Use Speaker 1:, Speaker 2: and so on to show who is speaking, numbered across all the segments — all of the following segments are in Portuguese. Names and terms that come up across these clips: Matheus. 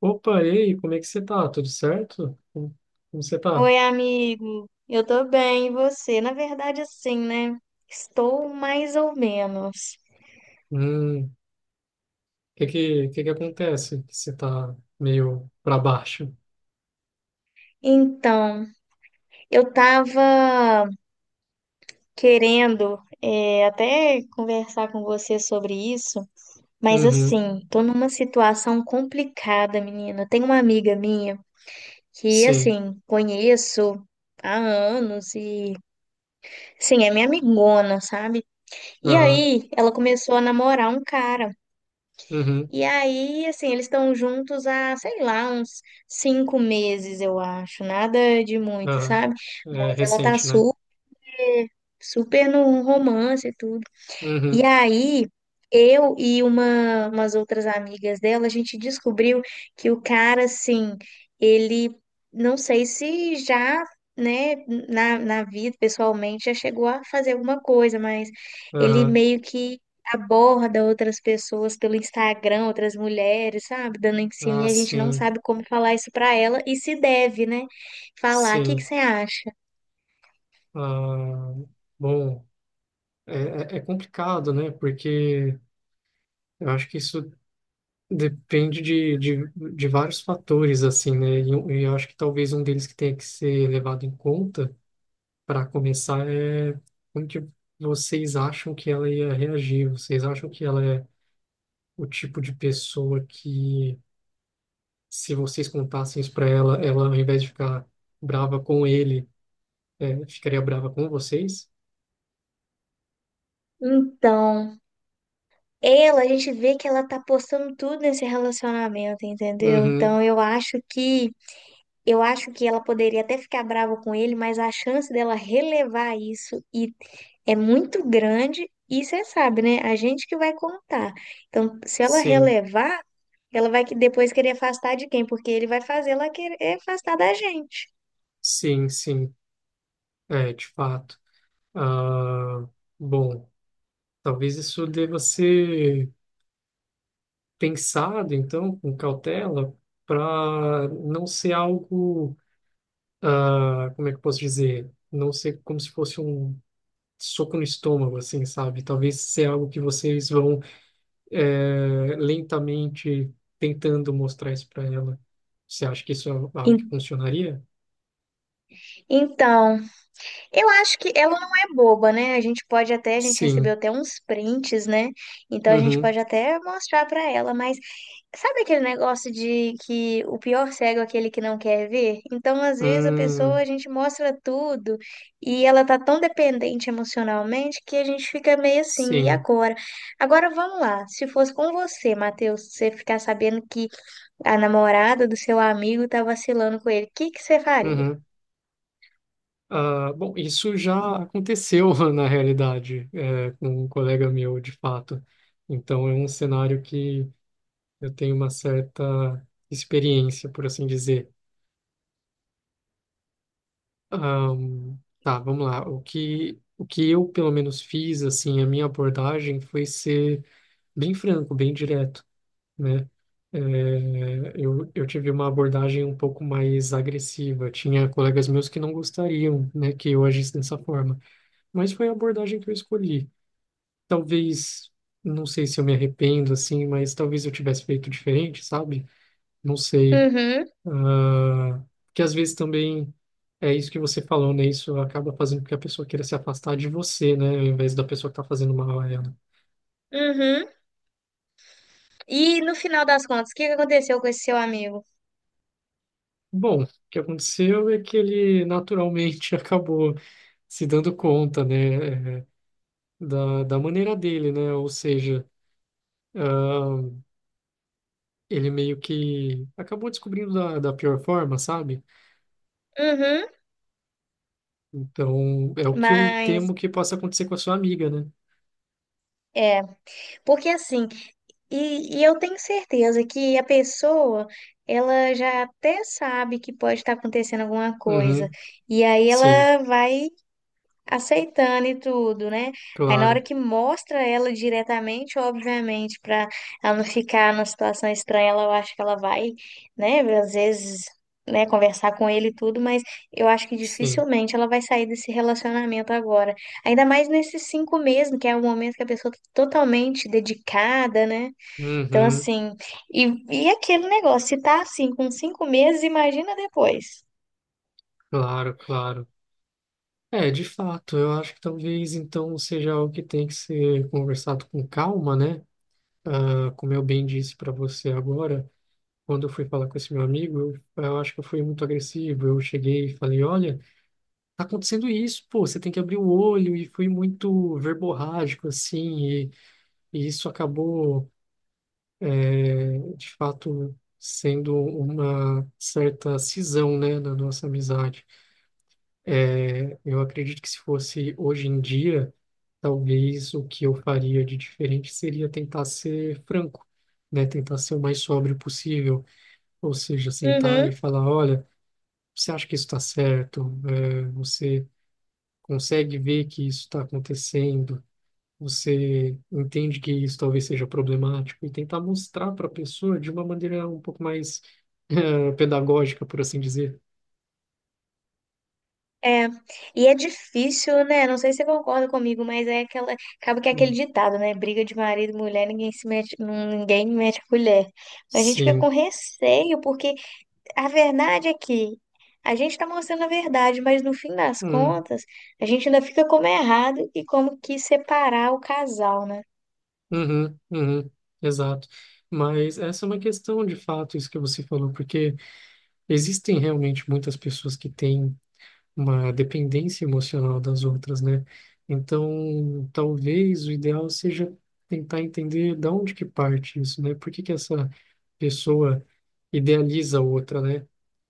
Speaker 1: Opa, e aí, como é que você tá? Tudo certo? Como você tá?
Speaker 2: Oi, amigo. Eu tô bem, e você? Na verdade, assim, né? Estou mais ou menos.
Speaker 1: O que que acontece? Que você tá meio pra baixo?
Speaker 2: Então, eu tava querendo até conversar com você sobre isso, mas
Speaker 1: Uhum,
Speaker 2: assim, tô numa situação complicada, menina. Tem uma amiga minha que,
Speaker 1: sim,
Speaker 2: assim, conheço há anos e, sim, é minha amigona, sabe? E
Speaker 1: aham,
Speaker 2: aí, ela começou a namorar um cara.
Speaker 1: uhum,
Speaker 2: E aí, assim, eles estão juntos há, sei lá, uns 5 meses, eu acho. Nada de muito,
Speaker 1: aham.
Speaker 2: sabe?
Speaker 1: É
Speaker 2: Mas ela tá
Speaker 1: recente, né?
Speaker 2: su super no romance e tudo. E
Speaker 1: Uhum,
Speaker 2: aí, eu e umas outras amigas dela, a gente descobriu que o cara, assim, ele, não sei se já, né, na vida, pessoalmente, já chegou a fazer alguma coisa, mas ele
Speaker 1: aham.
Speaker 2: meio que aborda outras pessoas pelo Instagram, outras mulheres, sabe, dando em cima,
Speaker 1: Ah,
Speaker 2: e a gente não
Speaker 1: sim,
Speaker 2: sabe como falar isso pra ela, e se deve, né, falar. O que que
Speaker 1: sim.
Speaker 2: você acha?
Speaker 1: Ah, bom, é, é complicado, né? Porque eu acho que isso depende de vários fatores, assim, né? E, eu acho que talvez um deles que tenha que ser levado em conta para começar, é como que vocês acham que ela ia reagir? Vocês acham que ela é o tipo de pessoa que, se vocês contassem isso para ela, ela, ao invés de ficar brava com ele, ficaria brava com vocês?
Speaker 2: Então, ela, a gente vê que ela tá postando tudo nesse relacionamento, entendeu?
Speaker 1: Uhum,
Speaker 2: Então eu acho que ela poderia até ficar brava com ele, mas a chance dela relevar isso e é muito grande, e você sabe, né? A gente que vai contar. Então, se ela
Speaker 1: sim,
Speaker 2: relevar, ela vai que depois querer afastar de quem? Porque ele vai fazer ela querer afastar da gente.
Speaker 1: sim, sim, é, de fato. Ah, bom, talvez isso deva ser pensado, então, com cautela, para não ser algo, ah, como é que eu posso dizer? Não ser como se fosse um soco no estômago, assim, sabe? Talvez seja algo que vocês vão lentamente tentando mostrar isso para ela. Você acha que isso é algo que
Speaker 2: En-
Speaker 1: funcionaria?
Speaker 2: Então, eu acho que ela não é boba, né? A gente pode até, a gente recebeu
Speaker 1: Sim.
Speaker 2: até uns prints, né? Então a gente
Speaker 1: Uhum.
Speaker 2: pode até mostrar pra ela, mas sabe aquele negócio de que o pior cego é aquele que não quer ver? Então, às vezes a pessoa, a
Speaker 1: Hum,
Speaker 2: gente mostra tudo e ela tá tão dependente emocionalmente que a gente fica meio assim, e
Speaker 1: sim.
Speaker 2: agora? Agora vamos lá. Se fosse com você, Matheus, você ficar sabendo que a namorada do seu amigo tá vacilando com ele, o que que você faria?
Speaker 1: Uhum. Ah, bom, isso já aconteceu na realidade, com um colega meu, de fato. Então, é um cenário que eu tenho uma certa experiência, por assim dizer. Ahn, tá, vamos lá. O que eu, pelo menos, fiz, assim, a minha abordagem foi ser bem franco, bem direto, né? É, eu tive uma abordagem um pouco mais agressiva. Tinha colegas meus que não gostariam, né, que eu agisse dessa forma. Mas foi a abordagem que eu escolhi. Talvez, não sei se eu me arrependo, assim, mas talvez eu tivesse feito diferente, sabe? Não sei.
Speaker 2: Uhum,
Speaker 1: Ah, que às vezes também é isso que você falou, né? Isso acaba fazendo com que a pessoa queira se afastar de você, né? Ao invés da pessoa que está fazendo mal a ela.
Speaker 2: uhum. E no final das contas, o que que aconteceu com esse seu amigo?
Speaker 1: Bom, o que aconteceu é que ele naturalmente acabou se dando conta, né? Da maneira dele, né? Ou seja, ah, ele meio que acabou descobrindo da pior forma, sabe?
Speaker 2: Uhum,
Speaker 1: Então, é o que eu
Speaker 2: mas
Speaker 1: temo que possa acontecer com a sua amiga, né?
Speaker 2: é, porque assim, e eu tenho certeza que a pessoa, ela já até sabe que pode estar acontecendo alguma coisa,
Speaker 1: Uhum,
Speaker 2: e aí
Speaker 1: sim,
Speaker 2: ela vai aceitando e tudo, né? Aí na hora
Speaker 1: claro,
Speaker 2: que mostra ela diretamente, obviamente, para ela não ficar numa situação estranha, ela, eu acho que ela vai, né, às vezes, né, conversar com ele e tudo, mas eu acho que
Speaker 1: sim.
Speaker 2: dificilmente ela vai sair desse relacionamento agora. Ainda mais nesses 5 meses, que é o momento que a pessoa tá totalmente dedicada, né? Então,
Speaker 1: Uhum.
Speaker 2: assim, e, e aquele negócio, se tá assim com 5 meses, imagina depois.
Speaker 1: Claro, claro. É, de fato, eu acho que talvez então seja algo que tem que ser conversado com calma, né? Ah, como eu bem disse para você agora, quando eu fui falar com esse meu amigo, eu acho que eu fui muito agressivo. Eu cheguei e falei: olha, tá acontecendo isso, pô, você tem que abrir o olho. E fui muito verborrágico, assim, e isso acabou, de fato, sendo uma certa cisão, né, na nossa amizade. É, eu acredito que se fosse hoje em dia, talvez o que eu faria de diferente seria tentar ser franco, né? Tentar ser o mais sóbrio possível, ou seja, sentar
Speaker 2: Uhum.
Speaker 1: e falar, olha, você acha que isso está certo? É, você consegue ver que isso está acontecendo? Você entende que isso talvez seja problemático? E tentar mostrar para a pessoa de uma maneira um pouco mais pedagógica, por assim dizer.
Speaker 2: É, e é difícil, né? Não sei se você concorda comigo, mas é aquela, acaba que é aquele
Speaker 1: Hum,
Speaker 2: ditado, né? Briga de marido e mulher, ninguém se mete, ninguém mete a colher. A gente fica
Speaker 1: Sim.
Speaker 2: com receio, porque a verdade é que a gente tá mostrando a verdade, mas no fim das
Speaker 1: Hum.
Speaker 2: contas, a gente ainda fica como é errado e como que separar o casal, né?
Speaker 1: Uhum, uhum, exato. Mas essa é uma questão de fato, isso que você falou, porque existem realmente muitas pessoas que têm uma dependência emocional das outras, né? Então, talvez o ideal seja tentar entender da onde que parte isso, né? Por que que essa pessoa idealiza a outra, né?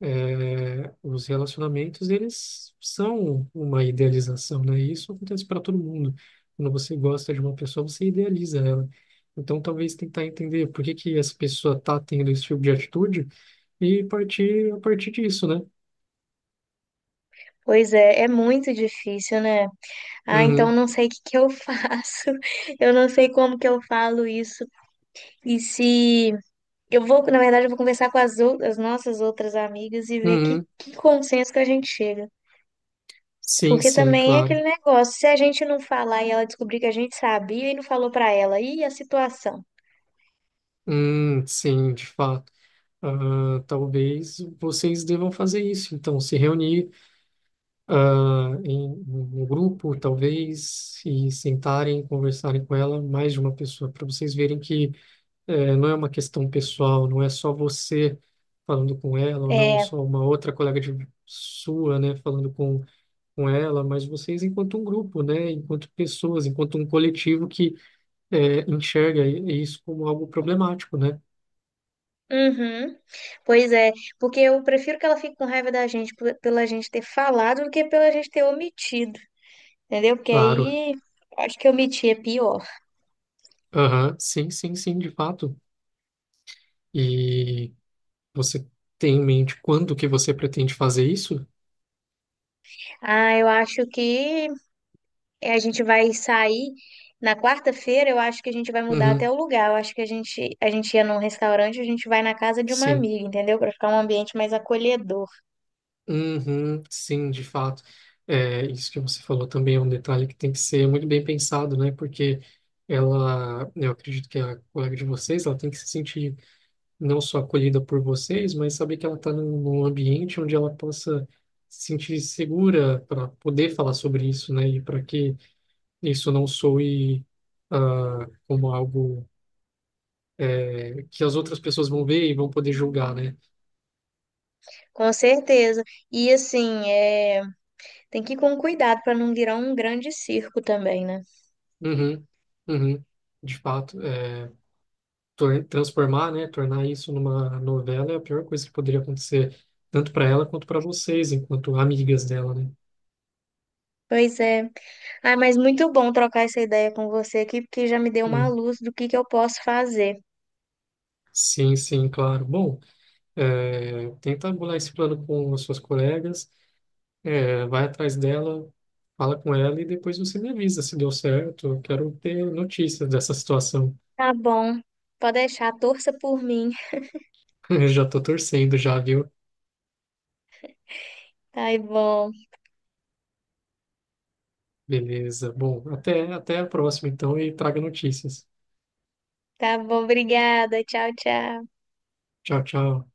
Speaker 1: É, os relacionamentos, eles são uma idealização, né? E isso acontece para todo mundo. Quando você gosta de uma pessoa, você idealiza ela. Então, talvez tentar entender por que que essa pessoa tá tendo esse tipo de atitude e partir a partir disso, né?
Speaker 2: Pois é, é muito difícil, né? Ah, então eu
Speaker 1: Uhum,
Speaker 2: não sei o que que eu faço, eu não sei como que eu falo isso. E se eu vou, na verdade, eu vou conversar com as, as nossas outras amigas e ver
Speaker 1: uhum.
Speaker 2: que consenso que a gente chega.
Speaker 1: Sim,
Speaker 2: Porque
Speaker 1: sim,
Speaker 2: também é
Speaker 1: claro.
Speaker 2: aquele negócio, se a gente não falar e ela descobrir que a gente sabia e não falou pra ela, e a situação?
Speaker 1: Sim, de fato. Ah, talvez vocês devam fazer isso. Então, se reunir, em um grupo, talvez, e sentarem, conversarem com ela, mais de uma pessoa, para vocês verem que não é uma questão pessoal, não é só você falando com ela, ou não
Speaker 2: É,
Speaker 1: só uma outra colega de sua, né, falando com ela, mas vocês enquanto um grupo, né, enquanto pessoas, enquanto um coletivo que enxerga isso como algo problemático, né?
Speaker 2: uhum, pois é, porque eu prefiro que ela fique com raiva da gente pela gente ter falado do que pela gente ter omitido, entendeu? Porque
Speaker 1: Claro.
Speaker 2: aí, acho que omitir é pior.
Speaker 1: Aham, sim, sim, sim, de fato. E você tem em mente quando que você pretende fazer isso?
Speaker 2: Ah, eu acho que é, a gente vai sair na quarta-feira, eu acho que a gente vai mudar
Speaker 1: Uhum,
Speaker 2: até o lugar. Eu acho que a gente ia num restaurante, a gente vai na casa de uma
Speaker 1: sim,
Speaker 2: amiga, entendeu? Para ficar um ambiente mais acolhedor.
Speaker 1: uhum, sim, de fato. É, isso que você falou também é um detalhe que tem que ser muito bem pensado, né? Porque ela, né, eu acredito que a colega de vocês, ela tem que se sentir não só acolhida por vocês, mas saber que ela está num ambiente onde ela possa se sentir segura para poder falar sobre isso, né? E para que isso não soe, como algo, que as outras pessoas vão ver e vão poder julgar, né?
Speaker 2: Com certeza. E assim, é, tem que ir com cuidado para não virar um grande circo também, né?
Speaker 1: Uhum, uhum, de fato. É transformar, né, tornar isso numa novela é a pior coisa que poderia acontecer, tanto para ela quanto para vocês, enquanto amigas dela, né?
Speaker 2: Pois é. Ah, mas muito bom trocar essa ideia com você aqui, porque já me deu uma
Speaker 1: Hum,
Speaker 2: luz do que eu posso fazer.
Speaker 1: sim, sim, claro. Bom, tenta bolar esse plano com as suas colegas, vai atrás dela, fala com ela e depois você me avisa se deu certo. Eu quero ter notícias dessa situação.
Speaker 2: Tá bom. Pode deixar, torça por mim.
Speaker 1: Eu já tô torcendo já, viu?
Speaker 2: Tá bom.
Speaker 1: Beleza. Bom, até a próxima então e traga notícias.
Speaker 2: Tá bom, obrigada. Tchau, tchau.
Speaker 1: Tchau, tchau.